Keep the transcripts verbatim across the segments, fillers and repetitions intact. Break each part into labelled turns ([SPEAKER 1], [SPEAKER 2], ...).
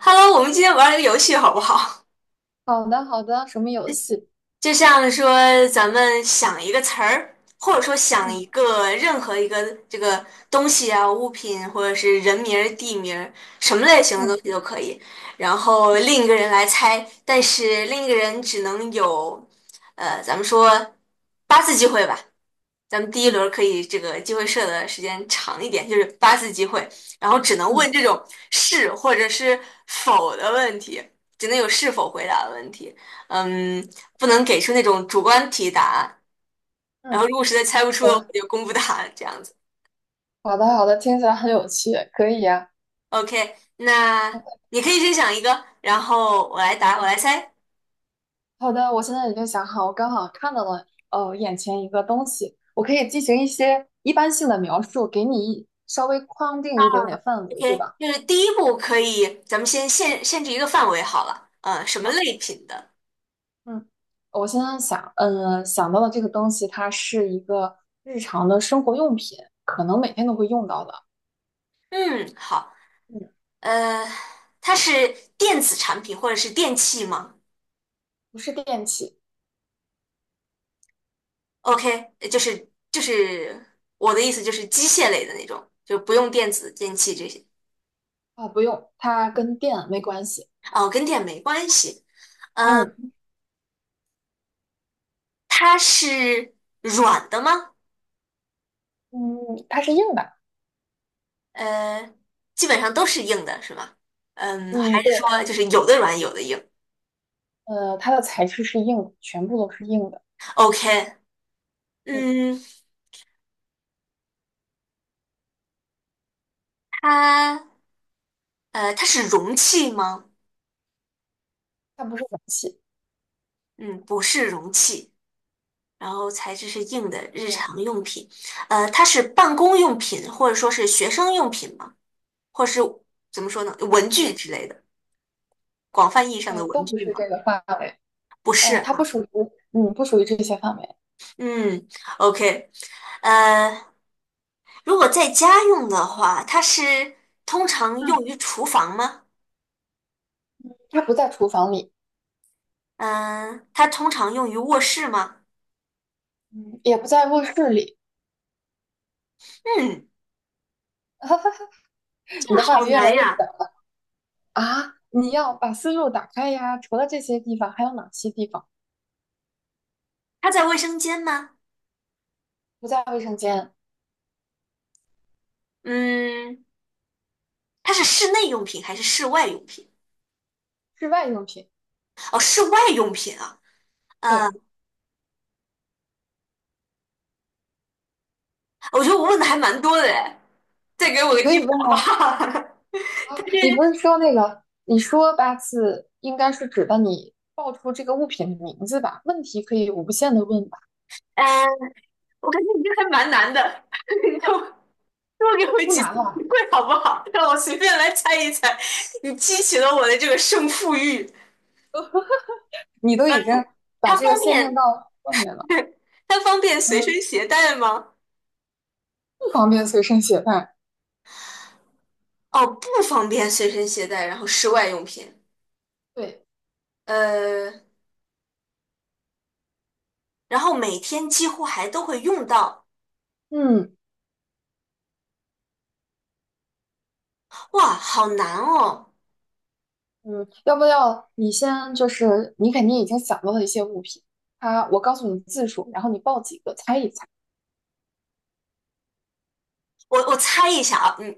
[SPEAKER 1] Hello，我们今天玩一个游戏好不好？
[SPEAKER 2] 好的，好的，什么游戏？
[SPEAKER 1] 就像说咱们想一个词儿，或者说想一
[SPEAKER 2] 嗯
[SPEAKER 1] 个任何一个这个东西啊、物品或者是人名儿、地名儿，什么类型的东
[SPEAKER 2] 嗯
[SPEAKER 1] 西都可以。然后另一个人来猜，但是另一个人只能有，呃，咱们说八次机会吧。咱们第一
[SPEAKER 2] 嗯
[SPEAKER 1] 轮可以这个机会设的时间长一点，就是八次机会，然后只能
[SPEAKER 2] 嗯，
[SPEAKER 1] 问这种是或者是否的问题，只能有是否回答的问题，嗯，不
[SPEAKER 2] 哎，
[SPEAKER 1] 能给出那种主观题答案。然后
[SPEAKER 2] 嗯，
[SPEAKER 1] 如果实在猜不出的话，
[SPEAKER 2] 行，
[SPEAKER 1] 就公布答案这样子。
[SPEAKER 2] 好的，好的，听起来很有趣，可以呀。
[SPEAKER 1] OK，那你可以先想一个，然后我来答，我
[SPEAKER 2] OK，
[SPEAKER 1] 来猜。
[SPEAKER 2] 好的，我现在已经想好，我刚好看到了，呃，眼前一个东西，我可以进行一些一般性的描述，给你稍微框定一点点范围，对
[SPEAKER 1] OK，
[SPEAKER 2] 吧？
[SPEAKER 1] 就是第一步可以，咱们先限限制一个范围好了，呃，什么
[SPEAKER 2] 好，
[SPEAKER 1] 类品的？
[SPEAKER 2] 嗯，我现在想，嗯、想到的这个东西，它是一个日常的生活用品，可能每天都会用到的，
[SPEAKER 1] 嗯，好。
[SPEAKER 2] 嗯，
[SPEAKER 1] 呃，它是电子产品或者是电器吗
[SPEAKER 2] 不是电器
[SPEAKER 1] ？OK，呃就是就是我的意思就是机械类的那种，就不用电子电器这些。
[SPEAKER 2] 啊，不用，它跟电没关系。
[SPEAKER 1] 哦，跟电没关系。嗯、
[SPEAKER 2] 嗯
[SPEAKER 1] 它是软的吗？
[SPEAKER 2] 嗯，它是硬的，
[SPEAKER 1] 呃，基本上都是硬的，是吧？嗯，
[SPEAKER 2] 嗯，
[SPEAKER 1] 还是
[SPEAKER 2] 对的，
[SPEAKER 1] 说就是有的软有的硬
[SPEAKER 2] 呃，它的材质是硬的，全部都是硬的，
[SPEAKER 1] ？OK，
[SPEAKER 2] 嗯，
[SPEAKER 1] 嗯，它呃它是容器吗？
[SPEAKER 2] 它不是容器，
[SPEAKER 1] 嗯，不是容器。然后材质是硬的，日
[SPEAKER 2] 对，
[SPEAKER 1] 常用品，呃，它是办公用品或者说是学生用品吗？或是怎么说呢，文具之类的，广泛意义上
[SPEAKER 2] 哎，
[SPEAKER 1] 的
[SPEAKER 2] 都
[SPEAKER 1] 文
[SPEAKER 2] 不
[SPEAKER 1] 具
[SPEAKER 2] 是
[SPEAKER 1] 吗？
[SPEAKER 2] 这个范围，
[SPEAKER 1] 不
[SPEAKER 2] 呃，
[SPEAKER 1] 是
[SPEAKER 2] 它不
[SPEAKER 1] 哈，
[SPEAKER 2] 属于，嗯，不属于这些范围，
[SPEAKER 1] 嗯，OK，呃，如果在家用的话，它是通常
[SPEAKER 2] 嗯，
[SPEAKER 1] 用于厨房吗？
[SPEAKER 2] 它不在厨房里，
[SPEAKER 1] 嗯、它通常用于卧室吗？
[SPEAKER 2] 嗯，也不在卧室里，
[SPEAKER 1] 嗯，这
[SPEAKER 2] 你
[SPEAKER 1] 个
[SPEAKER 2] 的范
[SPEAKER 1] 好
[SPEAKER 2] 围越
[SPEAKER 1] 难
[SPEAKER 2] 来越小
[SPEAKER 1] 呀。
[SPEAKER 2] 啊，你要把思路打开呀，除了这些地方，还有哪些地方
[SPEAKER 1] 它在卫生间吗？
[SPEAKER 2] 不在卫生间？
[SPEAKER 1] 嗯，它是室内用品还是室外用品？
[SPEAKER 2] 室外用品，
[SPEAKER 1] 哦，室外用品啊，呃。
[SPEAKER 2] 对，
[SPEAKER 1] 我觉得我问的还蛮多的哎，再给我
[SPEAKER 2] 呃
[SPEAKER 1] 个
[SPEAKER 2] 可以
[SPEAKER 1] 机会
[SPEAKER 2] 问
[SPEAKER 1] 好不好？但
[SPEAKER 2] 啊，你不
[SPEAKER 1] 是，
[SPEAKER 2] 是说那个，你说八次应该是指的你报出这个物品的名字吧？问题可以无限的问吧？
[SPEAKER 1] 嗯、我感觉你这还蛮难的，你多多给我
[SPEAKER 2] 不
[SPEAKER 1] 几次
[SPEAKER 2] 难
[SPEAKER 1] 机
[SPEAKER 2] 吧？
[SPEAKER 1] 会好不好？让我随便来猜一猜，你激起了我的这个胜负欲。
[SPEAKER 2] 你都
[SPEAKER 1] 呃，
[SPEAKER 2] 已经把
[SPEAKER 1] 它
[SPEAKER 2] 这个
[SPEAKER 1] 方
[SPEAKER 2] 限定
[SPEAKER 1] 便，
[SPEAKER 2] 到外面了，
[SPEAKER 1] 它方便随
[SPEAKER 2] 嗯，
[SPEAKER 1] 身携带吗？
[SPEAKER 2] 不方便随身携带。
[SPEAKER 1] 哦，不方便随身携带，然后室外用品，
[SPEAKER 2] 对，
[SPEAKER 1] 呃，然后每天几乎还都会用到。
[SPEAKER 2] 嗯
[SPEAKER 1] 哇，好难哦！
[SPEAKER 2] 嗯，要不要你先就是你肯定已经想到了一些物品，它我告诉你字数，然后你报几个猜一猜。
[SPEAKER 1] 我我猜一下啊，嗯，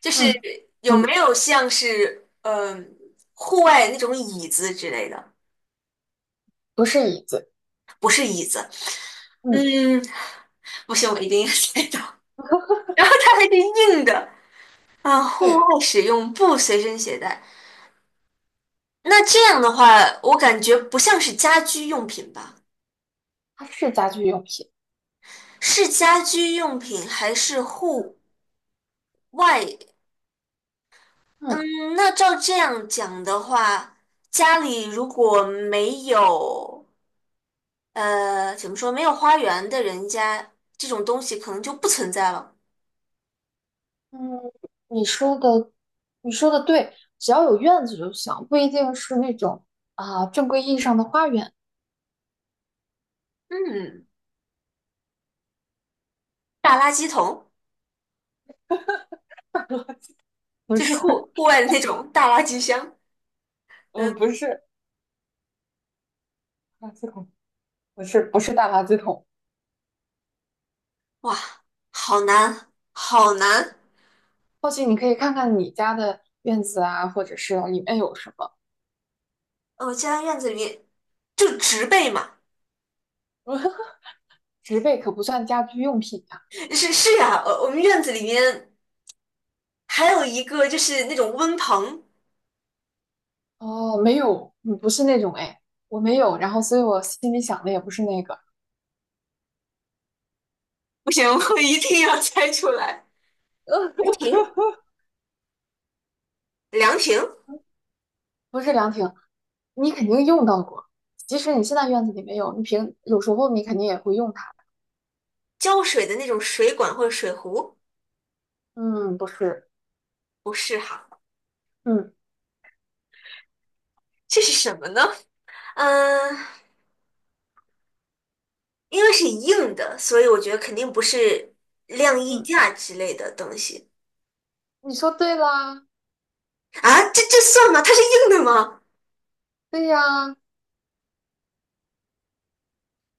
[SPEAKER 1] 就是
[SPEAKER 2] 嗯，
[SPEAKER 1] 有没
[SPEAKER 2] 不
[SPEAKER 1] 有像是嗯、呃户外那种椅子之类的？
[SPEAKER 2] 不是椅子，
[SPEAKER 1] 不是椅子，
[SPEAKER 2] 嗯，
[SPEAKER 1] 嗯，不行，我一定要猜到。然后它还是硬的啊，户
[SPEAKER 2] 对，
[SPEAKER 1] 外使用不随身携带。那这样的话，我感觉不像是家居用品吧？
[SPEAKER 2] 它是家居用品。
[SPEAKER 1] 是家居用品还是
[SPEAKER 2] 嗯
[SPEAKER 1] 户外？
[SPEAKER 2] 嗯。
[SPEAKER 1] 嗯，那照这样讲的话，家里如果没有。呃，怎么说，没有花园的人家，这种东西可能就不存在了。
[SPEAKER 2] 嗯，你说的，你说的对，只要有院子就行，不一定是那种啊、正规意义上的花园。
[SPEAKER 1] 嗯，大垃圾桶
[SPEAKER 2] 不
[SPEAKER 1] 就是
[SPEAKER 2] 是，
[SPEAKER 1] 户户外的那种大垃圾箱。
[SPEAKER 2] 呃，
[SPEAKER 1] 嗯，
[SPEAKER 2] 不是垃圾桶，不是，不是大垃圾桶。
[SPEAKER 1] 哇，好难，好难。
[SPEAKER 2] 或许你可以看看你家的院子啊，或者是里面有什么。
[SPEAKER 1] 呃我家院子里面就植被嘛，
[SPEAKER 2] 植被可不算家居用品呀、
[SPEAKER 1] 是是呀，呃我们院子里面还有一个就是那种温棚，
[SPEAKER 2] 哦，没有，嗯不是那种哎，我没有，然后所以我心里想的也不是那个。
[SPEAKER 1] 不行，我一定要猜出来。凉 亭，凉亭，
[SPEAKER 2] 不是凉亭，你肯定用到过。即使你现在院子里没有，你平有时候你肯定也会用它。
[SPEAKER 1] 浇水的那种水管或者水壶，
[SPEAKER 2] 嗯，不是，
[SPEAKER 1] 不是哈，
[SPEAKER 2] 嗯
[SPEAKER 1] 这是什么呢？嗯、因为是硬的，所以我觉得肯定不是晾衣
[SPEAKER 2] 嗯，
[SPEAKER 1] 架之类的东西
[SPEAKER 2] 你说对啦，
[SPEAKER 1] 啊。这这算吗？它是硬的吗？
[SPEAKER 2] 对呀，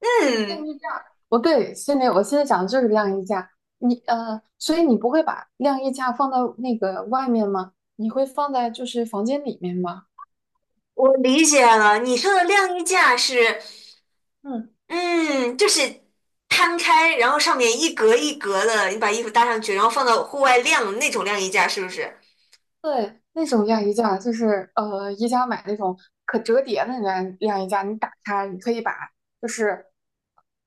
[SPEAKER 1] 嗯，
[SPEAKER 2] 晾衣架，不对，现在我现在讲的就是晾衣架，你呃，所以你不会把晾衣架放到那个外面吗？你会放在就是房间里面吗？
[SPEAKER 1] 我理解了。你说的晾衣架是，
[SPEAKER 2] 嗯，
[SPEAKER 1] 嗯，就是摊开，然后上面一格一格的，你把衣服搭上去，然后放到户外晾那种晾衣架，是不是
[SPEAKER 2] 对，那种晾衣架就是呃，宜家买那种可折叠的晾晾衣架，你打开，你可以把就是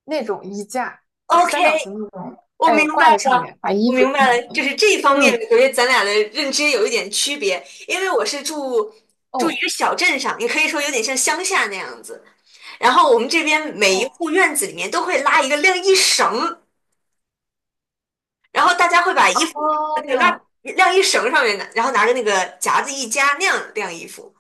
[SPEAKER 2] 那种衣架，就是
[SPEAKER 1] ？OK，
[SPEAKER 2] 三角形的那种，
[SPEAKER 1] 我
[SPEAKER 2] 哎，
[SPEAKER 1] 明白
[SPEAKER 2] 挂在上
[SPEAKER 1] 了，
[SPEAKER 2] 面，把
[SPEAKER 1] 我
[SPEAKER 2] 衣服
[SPEAKER 1] 明白
[SPEAKER 2] 挂在
[SPEAKER 1] 了，
[SPEAKER 2] 上
[SPEAKER 1] 就
[SPEAKER 2] 面。
[SPEAKER 1] 是这一方面，
[SPEAKER 2] 嗯，
[SPEAKER 1] 我觉得咱俩的认知有一点区别，因为我是住住一
[SPEAKER 2] 哦
[SPEAKER 1] 个小镇上，也可以说有点像乡下那样子。然后我们这边每一
[SPEAKER 2] 哦。
[SPEAKER 1] 户院子里面都会拉一个晾衣绳，然后大家会把衣服那个拉
[SPEAKER 2] 哦
[SPEAKER 1] 晾衣绳上面拿，然后拿着那个夹子一夹，那样晾衣服。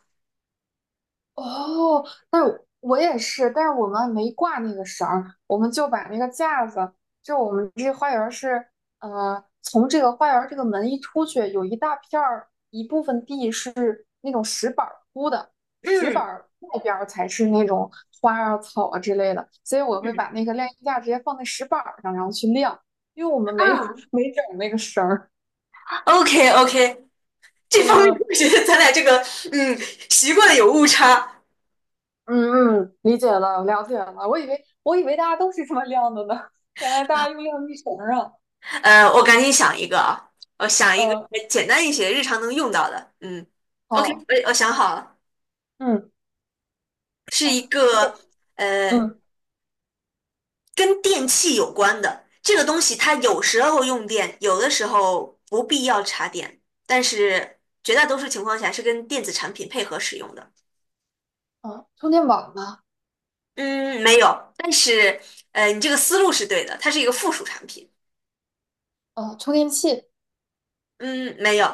[SPEAKER 2] 哦，但是我也是，但是我们没挂那个绳儿，我们就把那个架子，就我们这花园儿是，呃，从这个花园儿这个门一出去，有一大片儿一部分地是那种石板儿铺的，石板
[SPEAKER 1] 嗯
[SPEAKER 2] 儿外边儿才是那种花啊、草啊之类的，所以我会
[SPEAKER 1] 嗯
[SPEAKER 2] 把那个晾衣架直接放在石板儿上，然后去晾，因为我们没有
[SPEAKER 1] 啊
[SPEAKER 2] 没整那个绳儿，
[SPEAKER 1] ，OK OK，这方面
[SPEAKER 2] 呃，
[SPEAKER 1] 我觉得咱俩这个嗯习惯有误差。
[SPEAKER 2] 嗯嗯，理解了，了解了。我以为我以为大家都是这么亮的呢，原来大家用晾衣绳儿啊。
[SPEAKER 1] 呃，我赶紧想一个啊，我想一个
[SPEAKER 2] 呃，
[SPEAKER 1] 简单一些、日常能用到的。嗯，OK，
[SPEAKER 2] 好，
[SPEAKER 1] 我我想好了，
[SPEAKER 2] 嗯
[SPEAKER 1] 是一
[SPEAKER 2] 啊，那个，
[SPEAKER 1] 个呃
[SPEAKER 2] 嗯
[SPEAKER 1] 跟电器有关的这个东西，它有时候用电，有的时候不必要插电，但是绝大多数情况下是跟电子产品配合使用的。
[SPEAKER 2] 啊，充电宝吗？
[SPEAKER 1] 嗯，没有，但是呃，你这个思路是对的，它是一个附属产品。
[SPEAKER 2] 啊，充电器、
[SPEAKER 1] 嗯，没有，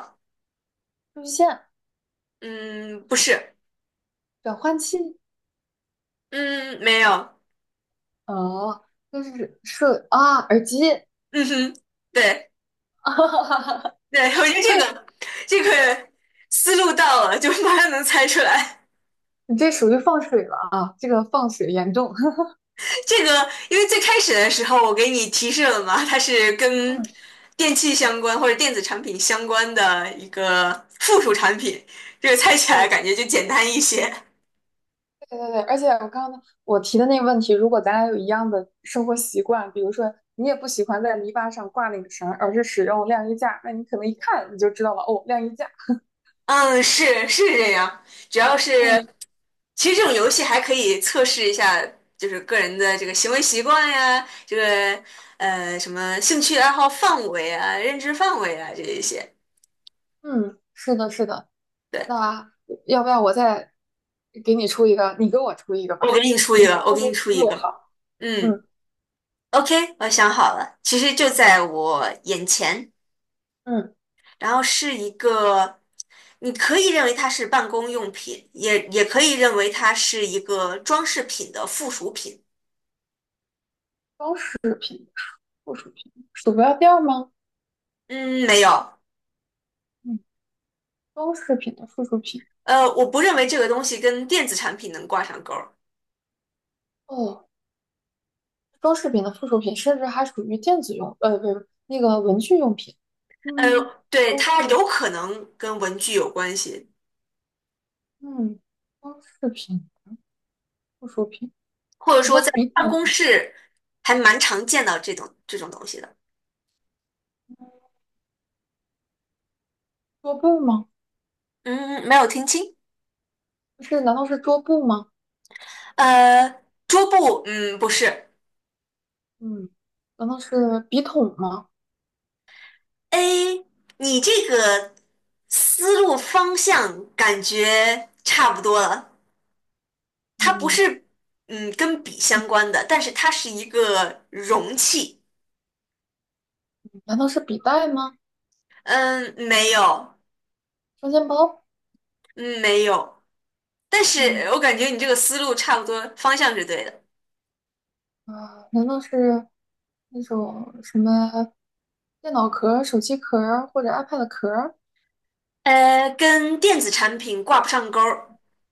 [SPEAKER 2] 数据线、
[SPEAKER 1] 嗯，不是，
[SPEAKER 2] 转换器。
[SPEAKER 1] 嗯，没有，
[SPEAKER 2] 哦，这是是啊，耳机。
[SPEAKER 1] 嗯哼，对。对，我觉得这个这个思路到了，就马上能猜出来。
[SPEAKER 2] 你这属于放水了啊，这个放水严重。
[SPEAKER 1] 这个因为最开始的时候我给你提示了嘛，它是 跟
[SPEAKER 2] 嗯，
[SPEAKER 1] 电器相关或者电子产品相关的一个附属产品，这个猜起来
[SPEAKER 2] 对，
[SPEAKER 1] 感觉就简单一些。
[SPEAKER 2] 对对对，而且我刚刚我提的那个问题，如果咱俩有一样的生活习惯，比如说你也不喜欢在篱笆上挂那个绳儿，而是使用晾衣架，那你可能一看你就知道了，哦，晾衣架。
[SPEAKER 1] 嗯，是是这样，主要是
[SPEAKER 2] 嗯
[SPEAKER 1] 其实这种游戏还可以测试一下，就是个人的这个行为习惯呀，这个呃什么兴趣爱好范围啊、认知范围啊这一些。
[SPEAKER 2] 嗯，是的，是的。
[SPEAKER 1] 对。
[SPEAKER 2] 那要不要我再给你出一个？你给我出一个
[SPEAKER 1] 我给
[SPEAKER 2] 吧。
[SPEAKER 1] 你出
[SPEAKER 2] 你
[SPEAKER 1] 一个，
[SPEAKER 2] 的
[SPEAKER 1] 我
[SPEAKER 2] 特
[SPEAKER 1] 给你
[SPEAKER 2] 别
[SPEAKER 1] 出一
[SPEAKER 2] 不
[SPEAKER 1] 个。
[SPEAKER 2] 好。
[SPEAKER 1] 嗯
[SPEAKER 2] 嗯
[SPEAKER 1] ，OK，我想好了，其实就在我眼前，
[SPEAKER 2] 嗯，
[SPEAKER 1] 然后是一个，你可以认为它是办公用品，也也可以认为它是一个装饰品的附属品。
[SPEAKER 2] 装饰品、附属品，鼠标垫儿吗？
[SPEAKER 1] 嗯，没有，
[SPEAKER 2] 嗯，装饰品的附属品。
[SPEAKER 1] 呃，我不认为这个东西跟电子产品能挂上钩儿。
[SPEAKER 2] 哦，装饰品的附属品，甚至还属于电子用，呃，不是那个文具用品。
[SPEAKER 1] 呃，
[SPEAKER 2] 嗯，
[SPEAKER 1] 对，
[SPEAKER 2] 都
[SPEAKER 1] 它
[SPEAKER 2] 是，
[SPEAKER 1] 有可能跟文具有关系，
[SPEAKER 2] 嗯，装饰品、附属品，
[SPEAKER 1] 或者
[SPEAKER 2] 难
[SPEAKER 1] 说
[SPEAKER 2] 道是
[SPEAKER 1] 在
[SPEAKER 2] 笔
[SPEAKER 1] 办
[SPEAKER 2] 筒
[SPEAKER 1] 公
[SPEAKER 2] 吗？
[SPEAKER 1] 室还蛮常见到这种这种东西的。
[SPEAKER 2] 桌布吗？
[SPEAKER 1] 嗯，没有听清。
[SPEAKER 2] 不是，难道是桌布吗？
[SPEAKER 1] 呃，桌布，嗯，不是。
[SPEAKER 2] 嗯，难道是笔筒吗？
[SPEAKER 1] A，你这个思路方向感觉差不多了。它不
[SPEAKER 2] 嗯，
[SPEAKER 1] 是，嗯，跟笔相关的，但是它是一个容器。
[SPEAKER 2] 难道是笔袋吗？
[SPEAKER 1] 嗯，没有，
[SPEAKER 2] 双肩包？
[SPEAKER 1] 嗯，没有。但是
[SPEAKER 2] 嗯，
[SPEAKER 1] 我感觉你这个思路差不多，方向是对的。
[SPEAKER 2] 啊、难道是那种什么电脑壳、手机壳或者 iPad 壳？
[SPEAKER 1] 呃，跟电子产品挂不上钩儿。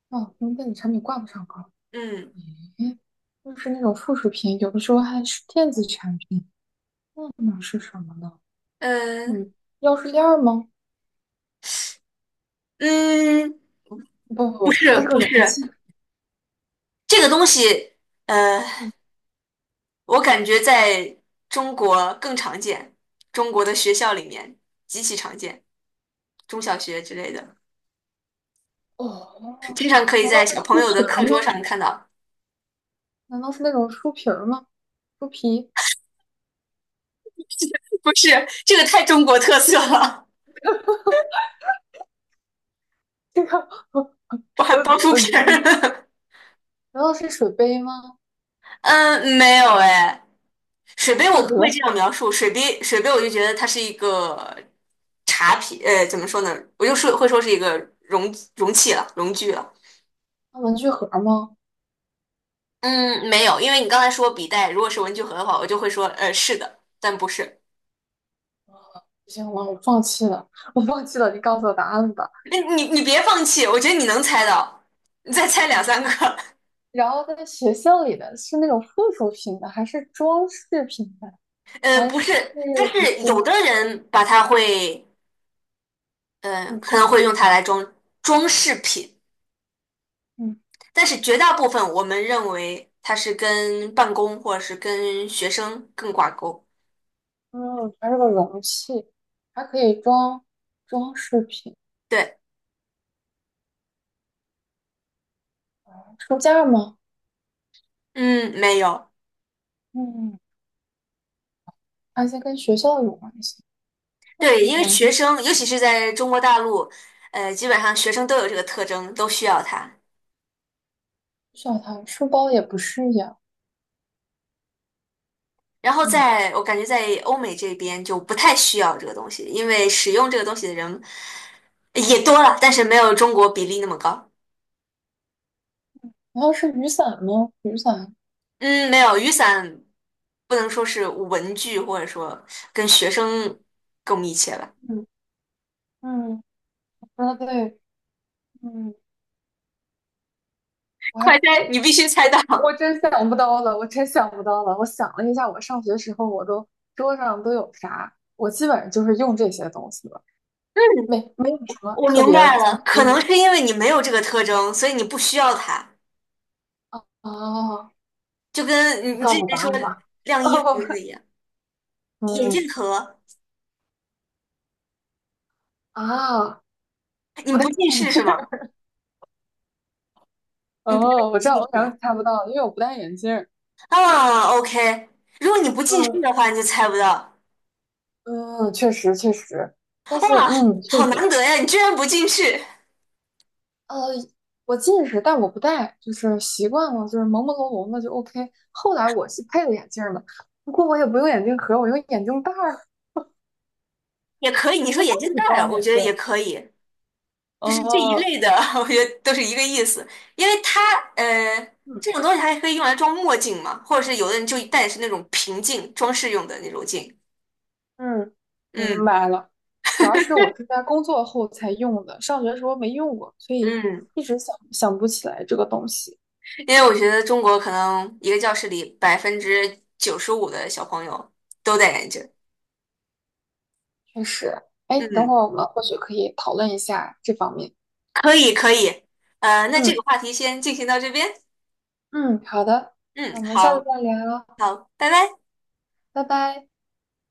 [SPEAKER 2] 哦，跟电子产品挂不上钩。
[SPEAKER 1] 嗯，
[SPEAKER 2] 诶，就是那种附属品，有的时候还是电子产品，那能是什么呢？
[SPEAKER 1] 呃，
[SPEAKER 2] 嗯，钥匙链儿吗？
[SPEAKER 1] 嗯，
[SPEAKER 2] 不不
[SPEAKER 1] 不
[SPEAKER 2] 不，
[SPEAKER 1] 是，
[SPEAKER 2] 它是个
[SPEAKER 1] 不
[SPEAKER 2] 容
[SPEAKER 1] 是，
[SPEAKER 2] 器。
[SPEAKER 1] 这个东西，呃。
[SPEAKER 2] 嗯，
[SPEAKER 1] 我感觉在中国更常见，中国的学校里面极其常见，中小学之类的，
[SPEAKER 2] 哦，
[SPEAKER 1] 经常可以
[SPEAKER 2] 难
[SPEAKER 1] 在
[SPEAKER 2] 道
[SPEAKER 1] 小
[SPEAKER 2] 是
[SPEAKER 1] 朋
[SPEAKER 2] 书
[SPEAKER 1] 友的
[SPEAKER 2] 皮儿
[SPEAKER 1] 课桌
[SPEAKER 2] 吗？
[SPEAKER 1] 上看到。
[SPEAKER 2] 难道是那种书皮儿吗？书皮？
[SPEAKER 1] 不是，这个太中国特色了，
[SPEAKER 2] 这个 我
[SPEAKER 1] 我还
[SPEAKER 2] 我
[SPEAKER 1] 包出
[SPEAKER 2] 我，
[SPEAKER 1] 皮儿了。
[SPEAKER 2] 难道是水杯吗？
[SPEAKER 1] 嗯，没有哎，水杯我
[SPEAKER 2] 饭
[SPEAKER 1] 不会
[SPEAKER 2] 盒？
[SPEAKER 1] 这样描述，水杯水杯我就觉得它是一个茶品，呃，怎么说呢？我就说会说是一个容容器了，容具了。
[SPEAKER 2] 文具盒吗？
[SPEAKER 1] 嗯，没有，因为你刚才说笔袋，如果是文具盒的话，我就会说，呃，是的，但不是。
[SPEAKER 2] 不行了，我放弃了，我放弃了，你告诉我答案吧。
[SPEAKER 1] 你你你别放弃，我觉得你能猜到，你再猜两
[SPEAKER 2] 啊，
[SPEAKER 1] 三个。
[SPEAKER 2] 然后在学校里的是那种附属品的，还是装饰品的，
[SPEAKER 1] 呃，
[SPEAKER 2] 还
[SPEAKER 1] 不是，
[SPEAKER 2] 是？
[SPEAKER 1] 但
[SPEAKER 2] 一
[SPEAKER 1] 是有
[SPEAKER 2] 个？
[SPEAKER 1] 的人把它会，呃，
[SPEAKER 2] 嗯
[SPEAKER 1] 可能会用它来装装饰品，
[SPEAKER 2] 嗯，
[SPEAKER 1] 但是绝大部分我们认为它是跟办公或者是跟学生更挂钩。
[SPEAKER 2] 哦，它是个容器，还可以装装饰品，
[SPEAKER 1] 对，
[SPEAKER 2] 书架吗？
[SPEAKER 1] 嗯，没有，
[SPEAKER 2] 嗯，而且跟学校有关系，那
[SPEAKER 1] 对，因为
[SPEAKER 2] 能
[SPEAKER 1] 学生，尤其是在中国大陆，呃，基本上学生都有这个特征，都需要它。
[SPEAKER 2] 要它书包也不是呀。
[SPEAKER 1] 然后
[SPEAKER 2] 嗯，
[SPEAKER 1] 在我感觉在欧美这边就不太需要这个东西，因为使用这个东西的人也多了，但是没有中国比例那么高。
[SPEAKER 2] 然后是雨伞吗？雨伞，
[SPEAKER 1] 嗯，没有，雨伞不能说是文具，或者说跟学生更密切吧。
[SPEAKER 2] 嗯嗯，啊对，嗯，我还
[SPEAKER 1] 快猜，你必须猜
[SPEAKER 2] 我
[SPEAKER 1] 到。
[SPEAKER 2] 我真想不到了，我真想不到了。我想了一下，我上学时候我都桌上都有啥，我基本上就是用这些东西了，
[SPEAKER 1] 嗯，
[SPEAKER 2] 没没有什么
[SPEAKER 1] 我
[SPEAKER 2] 特
[SPEAKER 1] 明
[SPEAKER 2] 别
[SPEAKER 1] 白
[SPEAKER 2] 才
[SPEAKER 1] 了，
[SPEAKER 2] 需
[SPEAKER 1] 可
[SPEAKER 2] 要
[SPEAKER 1] 能
[SPEAKER 2] 的
[SPEAKER 1] 是因为你没有这个特征，所以你不需要它，
[SPEAKER 2] 哦
[SPEAKER 1] 就跟
[SPEAKER 2] 你
[SPEAKER 1] 你你
[SPEAKER 2] 告
[SPEAKER 1] 之
[SPEAKER 2] 诉我
[SPEAKER 1] 前
[SPEAKER 2] 答
[SPEAKER 1] 说
[SPEAKER 2] 案吧？
[SPEAKER 1] 晾衣服
[SPEAKER 2] 哦，
[SPEAKER 1] 是一样。眼
[SPEAKER 2] 嗯
[SPEAKER 1] 镜盒，
[SPEAKER 2] 啊，
[SPEAKER 1] 你
[SPEAKER 2] 不戴
[SPEAKER 1] 不近
[SPEAKER 2] 眼
[SPEAKER 1] 视
[SPEAKER 2] 镜
[SPEAKER 1] 是吗？
[SPEAKER 2] 儿。
[SPEAKER 1] 你不戴
[SPEAKER 2] 哦，我知
[SPEAKER 1] 眼
[SPEAKER 2] 道，
[SPEAKER 1] 镜
[SPEAKER 2] 我
[SPEAKER 1] 是
[SPEAKER 2] 感
[SPEAKER 1] 吗？
[SPEAKER 2] 觉猜不到，因为我不戴眼镜儿。
[SPEAKER 1] 啊，OK，如果你不近视
[SPEAKER 2] 嗯
[SPEAKER 1] 的话，你就猜不到。
[SPEAKER 2] 嗯，确实确实，但是
[SPEAKER 1] 哇，
[SPEAKER 2] 嗯，确
[SPEAKER 1] 好
[SPEAKER 2] 实，
[SPEAKER 1] 难得呀，你居然不近视，
[SPEAKER 2] 呃，我近视，但我不戴，就是习惯了，就是朦朦胧胧的就 OK。后来我是配了眼镜儿的，不过我也不用眼镜盒，我用眼镜袋儿，
[SPEAKER 1] 也可以。你
[SPEAKER 2] 有一
[SPEAKER 1] 说
[SPEAKER 2] 个袋
[SPEAKER 1] 眼镜
[SPEAKER 2] 子
[SPEAKER 1] 戴儿，
[SPEAKER 2] 装
[SPEAKER 1] 我
[SPEAKER 2] 眼
[SPEAKER 1] 觉得也
[SPEAKER 2] 镜。
[SPEAKER 1] 可以，就是这一
[SPEAKER 2] 哦，
[SPEAKER 1] 类的，我觉得都是一个意思。因为它，呃，
[SPEAKER 2] 嗯
[SPEAKER 1] 这种东西还可以用来装墨镜嘛，或者是有的人就戴的是那种平镜，装饰用的那种镜。
[SPEAKER 2] 嗯，明
[SPEAKER 1] 嗯
[SPEAKER 2] 白了。主要是我是在工作后才用的，上学时候没用过，所以
[SPEAKER 1] 嗯，
[SPEAKER 2] 一直想想不起来这个东西。
[SPEAKER 1] 因为我觉得中国可能一个教室里百分之九十五的小朋友都戴眼镜。
[SPEAKER 2] 确实，哎，等
[SPEAKER 1] 嗯，
[SPEAKER 2] 会儿我们或许可以讨论一下这方面。
[SPEAKER 1] 可以可以。呃，那这
[SPEAKER 2] 嗯
[SPEAKER 1] 个话题先进行到这边。
[SPEAKER 2] 嗯，好的，那
[SPEAKER 1] 嗯，
[SPEAKER 2] 我们下次
[SPEAKER 1] 好
[SPEAKER 2] 再聊，
[SPEAKER 1] 好，拜拜。
[SPEAKER 2] 拜拜。